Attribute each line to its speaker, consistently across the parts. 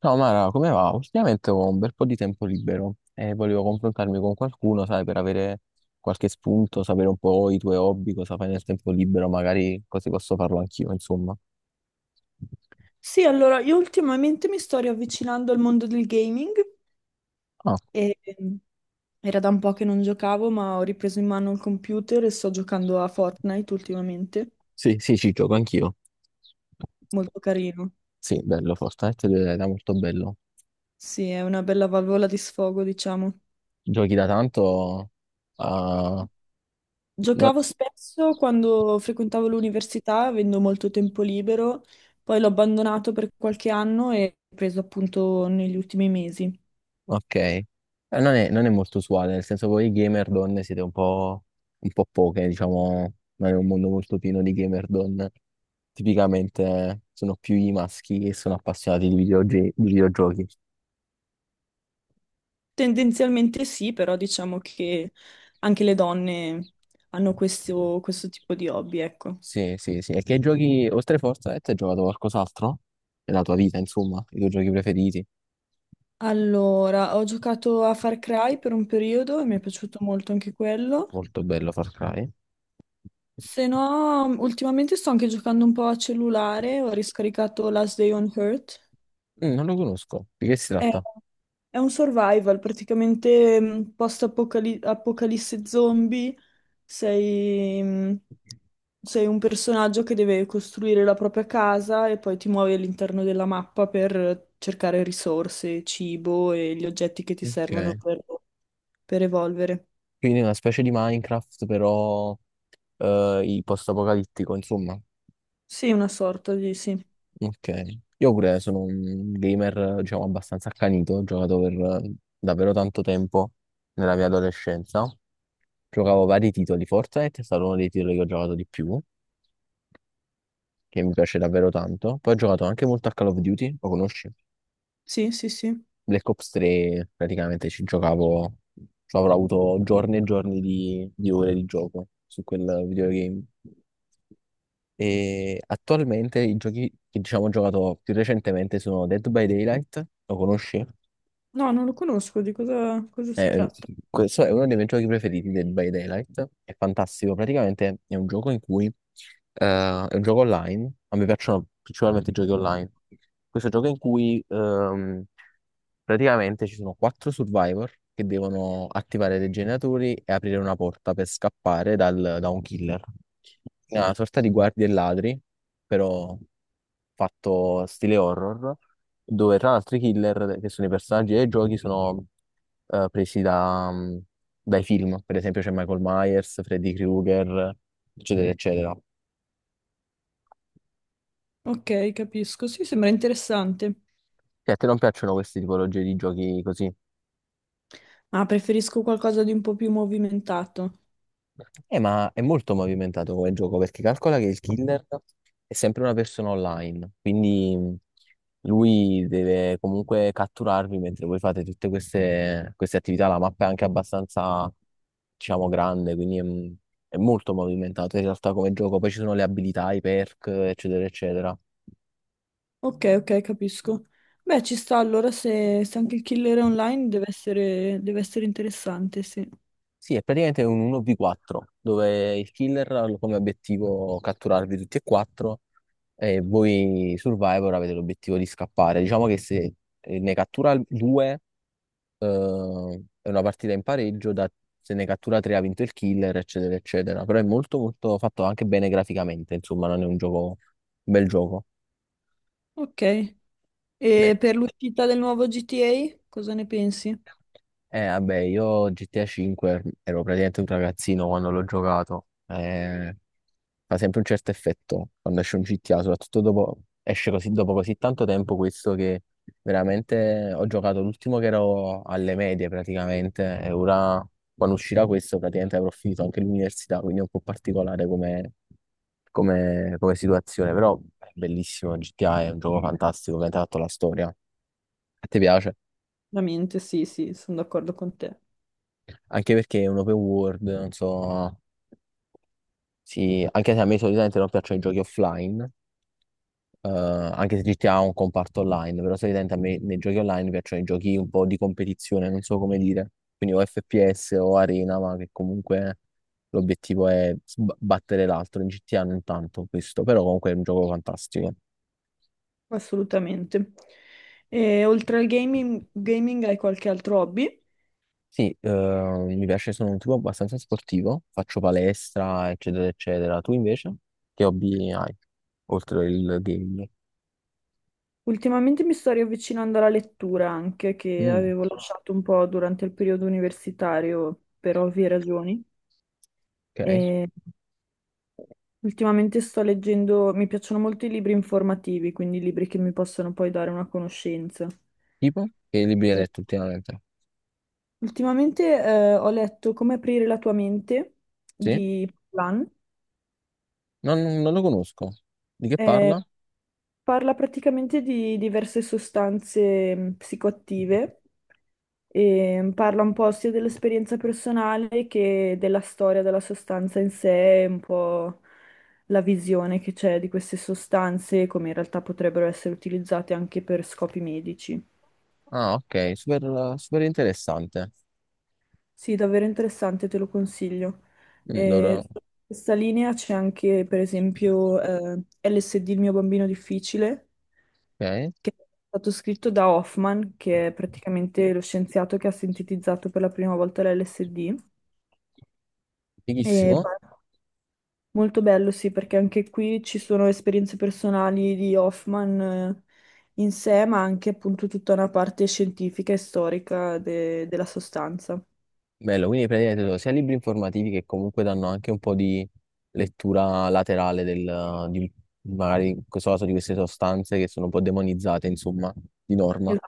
Speaker 1: Ciao Mara, come va? Ultimamente ho un bel po' di tempo libero e volevo confrontarmi con qualcuno, sai, per avere qualche spunto, sapere un po' i tuoi hobby, cosa fai nel tempo libero, magari così posso farlo anch'io, insomma.
Speaker 2: Sì, allora io ultimamente mi sto riavvicinando al mondo del gaming
Speaker 1: Ah,
Speaker 2: e era da un po' che non giocavo, ma ho ripreso in mano il computer e sto giocando a Fortnite ultimamente.
Speaker 1: sì, sì, ci gioco anch'io.
Speaker 2: Molto carino.
Speaker 1: Sì, bello, Fortnite è molto bello.
Speaker 2: Sì, è una bella valvola di sfogo, diciamo.
Speaker 1: Giochi da tanto? Ah, no-
Speaker 2: Giocavo spesso quando frequentavo l'università, avendo molto tempo libero, poi l'ho abbandonato per qualche anno e ho preso appunto negli ultimi mesi.
Speaker 1: ok. Non è molto usuale, nel senso voi gamer donne siete un po' poche, diciamo, non è un mondo molto pieno di gamer donne. Tipicamente sono più i maschi che sono appassionati di videogiochi.
Speaker 2: Tendenzialmente sì, però diciamo che anche le donne hanno questo tipo di hobby, ecco.
Speaker 1: Sì, sì, sì. E che giochi, oltre Fortnite, hai giocato qualcos'altro? Nella tua vita, insomma, i tuoi giochi preferiti?
Speaker 2: Allora, ho giocato a Far Cry per un periodo e mi è piaciuto molto anche quello.
Speaker 1: Molto bello Far Cry.
Speaker 2: Se no, ultimamente sto anche giocando un po' a cellulare, ho riscaricato Last Day on Earth.
Speaker 1: Non lo conosco. Di che si
Speaker 2: È,
Speaker 1: tratta?
Speaker 2: è un survival, praticamente post-apocalisse zombie, sei... mh, sei un personaggio che deve costruire la propria casa e poi ti muovi all'interno della mappa per cercare risorse, cibo e gli oggetti che ti
Speaker 1: Ok.
Speaker 2: servono per evolvere.
Speaker 1: Quindi una specie di Minecraft, però i post-apocalittico, insomma.
Speaker 2: Sì, una sorta di sì.
Speaker 1: Ok. Io pure sono un gamer, diciamo, abbastanza accanito, ho giocato per eh, davvero tanto tempo nella mia adolescenza. Giocavo vari titoli, Fortnite è stato uno dei titoli che ho giocato di più, che mi piace davvero tanto. Poi ho giocato anche molto a Call of Duty, lo conosci?
Speaker 2: Sì, sì, sì.
Speaker 1: Black Ops 3, praticamente ci giocavo, ci avrò avuto giorni e giorni di ore di gioco su quel videogame. E attualmente i giochi che diciamo ho giocato più recentemente sono Dead by Daylight, lo conosci?
Speaker 2: No, non lo conosco, di cosa si
Speaker 1: Eh,
Speaker 2: tratta?
Speaker 1: Questo è uno dei miei giochi preferiti, Dead by Daylight, è fantastico, praticamente è un gioco in cui è un gioco online, a me piacciono principalmente i giochi online. Questo gioco in cui praticamente ci sono quattro survivor che devono attivare dei generatori e aprire una porta per scappare da un killer. Una sorta di guardie e ladri però fatto stile horror, dove tra l'altro i killer, che sono i personaggi dei giochi, sono presi dai film. Per esempio c'è Michael Myers, Freddy Krueger, eccetera, eccetera.
Speaker 2: Ok, capisco. Sì, sembra interessante.
Speaker 1: Che a te non piacciono queste tipologie di giochi così?
Speaker 2: Ah, preferisco qualcosa di un po' più movimentato.
Speaker 1: Ma è molto movimentato come gioco perché calcola che il killer è sempre una persona online, quindi lui deve comunque catturarvi mentre voi fate tutte queste attività. La mappa è anche abbastanza, diciamo, grande, quindi è molto movimentato in realtà come gioco. Poi ci sono le abilità, i perk, eccetera, eccetera.
Speaker 2: Ok, ok, capisco. Beh, ci sta allora se anche il killer è online deve essere interessante, sì.
Speaker 1: Sì, è praticamente un 1v4 dove il killer ha come obiettivo catturarvi tutti e quattro. E voi Survivor avete l'obiettivo di scappare. Diciamo che se ne cattura due, è una partita in pareggio, se ne cattura tre ha vinto il killer, eccetera, eccetera. Però è molto, molto fatto anche bene graficamente, insomma, non è un gioco, un bel gioco.
Speaker 2: Ok. E per l'uscita del nuovo GTA, cosa ne pensi?
Speaker 1: Vabbè, io GTA 5 ero praticamente un ragazzino quando l'ho giocato. Fa sempre un certo effetto quando esce un GTA, soprattutto dopo, esce così, dopo così tanto tempo questo che veramente ho giocato l'ultimo che ero alle medie praticamente e ora quando uscirà questo praticamente avrò finito anche l'università, quindi è un po' particolare come, come situazione, però è bellissimo, GTA è un gioco fantastico che ha tratto la storia. A te piace?
Speaker 2: Ovviamente, sì, sì, sono d'accordo con te,
Speaker 1: Anche perché è un open world, non so... Sì, anche se a me solitamente non piacciono i giochi offline, anche se GTA ha un comparto online, però solitamente a me nei giochi online piacciono i giochi un po' di competizione, non so come dire, quindi o FPS o Arena, ma che comunque l'obiettivo è battere l'altro, in GTA non tanto questo, però comunque è un gioco fantastico.
Speaker 2: assolutamente. E oltre al gaming hai qualche altro hobby?
Speaker 1: Sì, mi piace, sono un tipo abbastanza sportivo, faccio palestra, eccetera, eccetera. Tu invece, che hobby hai, oltre il gaming?
Speaker 2: Ultimamente mi sto riavvicinando alla lettura anche, che
Speaker 1: Mm,
Speaker 2: avevo lasciato un po' durante il periodo universitario per ovvie ragioni.
Speaker 1: ok.
Speaker 2: E ultimamente sto leggendo, mi piacciono molto i libri informativi, quindi libri che mi possono poi dare una conoscenza.
Speaker 1: Tipo? Che libri hai letto ultimamente?
Speaker 2: Ultimamente ho letto Come aprire la tua mente
Speaker 1: Sì?
Speaker 2: di Plan.
Speaker 1: Non lo conosco. Di che
Speaker 2: Eh,
Speaker 1: parla?
Speaker 2: parla praticamente di diverse sostanze psicoattive e parla un po' sia dell'esperienza personale che della storia della sostanza in sé, e un po' la visione che c'è di queste sostanze, come in realtà potrebbero essere utilizzate anche per scopi medici.
Speaker 1: Ah, ok, super, super interessante.
Speaker 2: Sì, davvero interessante, te lo consiglio.
Speaker 1: Mm, allora,
Speaker 2: Sì. Su questa linea c'è anche, per esempio, LSD, il mio bambino difficile,
Speaker 1: ok,
Speaker 2: che è stato scritto da Hoffman, che è praticamente lo scienziato che ha sintetizzato per la prima volta l'LSD. E
Speaker 1: fighissimo.
Speaker 2: pa- Molto bello, sì, perché anche qui ci sono esperienze personali di Hoffman, in sé, ma anche appunto tutta una parte scientifica e storica della sostanza.
Speaker 1: Bello, quindi praticamente sono sia libri informativi che comunque danno anche un po' di lettura laterale di, magari in questo caso di queste sostanze che sono un po' demonizzate, insomma, di norma.
Speaker 2: Es-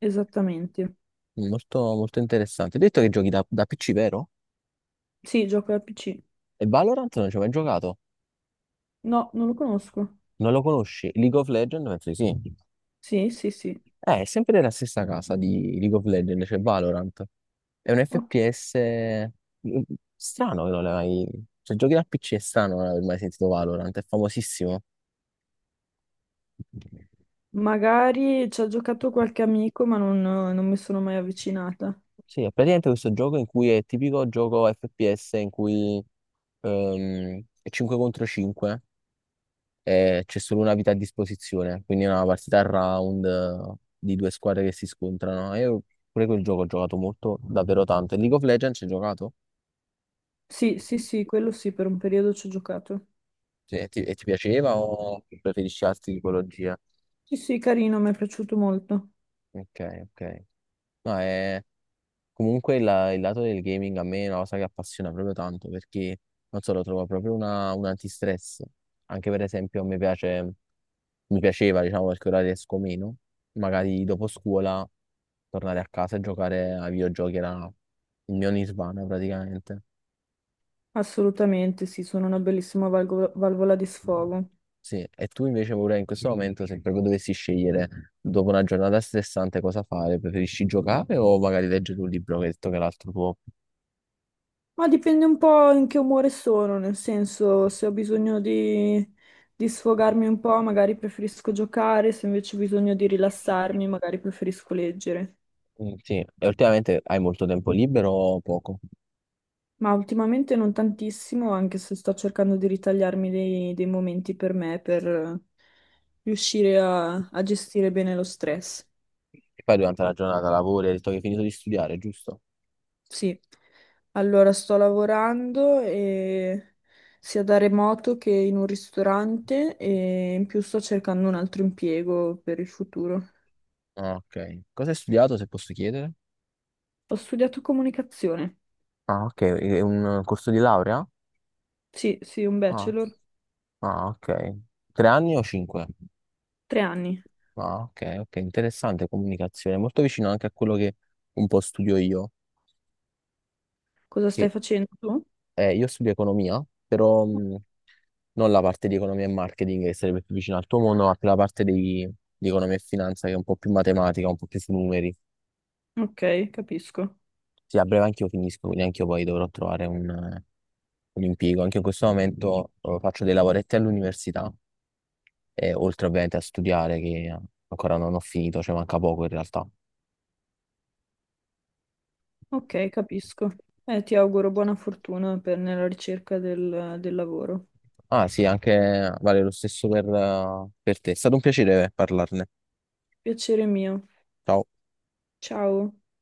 Speaker 2: esattamente.
Speaker 1: Molto, molto interessante. Hai detto che giochi da PC, vero?
Speaker 2: Sì, gioco al PC.
Speaker 1: E Valorant non ci hai mai giocato?
Speaker 2: No, non lo conosco.
Speaker 1: Non lo conosci? League of Legends? Penso di sì.
Speaker 2: Sì, sì, sì.
Speaker 1: È sempre della stessa casa di League of Legends, cioè Valorant. È un
Speaker 2: Ok.
Speaker 1: FPS mm, mm, strano che non l'hai mai... Cioè, giochi da PC è strano non aver mai sentito Valorant, è famosissimo.
Speaker 2: Magari ci ha giocato qualche amico, ma non mi sono mai avvicinata.
Speaker 1: Sì, è praticamente questo gioco in cui è il tipico gioco FPS in cui è 5 contro 5 e c'è solo una vita a disposizione, quindi è una partita a round di due squadre che si scontrano. Io pure quel gioco ho giocato molto, davvero tanto. E League of Legends ci hai giocato?
Speaker 2: Sì, sì, sì, quello sì, per un periodo ci ho giocato.
Speaker 1: Sì, e ti piaceva o preferisci altre tipologie?
Speaker 2: Sì, sì, carino, mi è piaciuto molto.
Speaker 1: Ok, ok. No, è... Comunque il lato del gaming a me è una cosa che appassiona proprio tanto perché, non so, lo trovo proprio un antistress. Anche per esempio mi piace, mi piaceva, diciamo, perché ora riesco meno. Magari dopo scuola tornare a casa e giocare ai videogiochi era il mio nirvana praticamente.
Speaker 2: Assolutamente, sì, sono una bellissima valvola di sfogo.
Speaker 1: Sì, e tu invece vorrei in questo momento, se proprio dovessi scegliere dopo una giornata stressante cosa fare, preferisci giocare o magari leggere un libro, che hai detto che è l'altro tuo?
Speaker 2: Ma dipende un po' in che umore sono, nel senso, se ho bisogno di sfogarmi un po', magari preferisco giocare, se invece ho bisogno di rilassarmi, magari preferisco leggere.
Speaker 1: Mm, sì, e ultimamente hai molto tempo libero o poco?
Speaker 2: Ma ultimamente non tantissimo, anche se sto cercando di ritagliarmi dei momenti per me, per riuscire a gestire bene lo stress.
Speaker 1: E poi durante la giornata lavori, hai detto che hai finito di studiare, giusto?
Speaker 2: Sì, allora sto sia da remoto che in un ristorante e in più sto cercando un altro impiego per il futuro.
Speaker 1: Ah, ok. Cosa hai studiato, se posso chiedere?
Speaker 2: Ho studiato comunicazione.
Speaker 1: Ah, ok, è un corso di laurea?
Speaker 2: Sì, sì, un
Speaker 1: Ah,
Speaker 2: bachelor,
Speaker 1: ah, ok. 3 anni o cinque?
Speaker 2: 3 anni.
Speaker 1: Ah, ok, ok, interessante comunicazione, molto vicino anche a quello che un po' studio io.
Speaker 2: Cosa
Speaker 1: Che
Speaker 2: stai facendo tu?
Speaker 1: Io studio economia, però non la parte di economia e marketing che sarebbe più vicina al tuo mondo, ma più la parte di economia e finanza che è un po' più matematica, un po' più sui numeri.
Speaker 2: Ok, capisco.
Speaker 1: Sì, a breve anch'io finisco, quindi anch'io poi dovrò trovare un impiego. Anche in questo momento faccio dei lavoretti all'università, e oltre ovviamente a studiare che ancora non ho finito, cioè manca poco in realtà.
Speaker 2: Ok, capisco. Ti auguro buona fortuna nella ricerca del del lavoro.
Speaker 1: Ah sì, anche vale lo stesso per te. È stato un piacere parlarne.
Speaker 2: Piacere mio.
Speaker 1: Ciao.
Speaker 2: Ciao.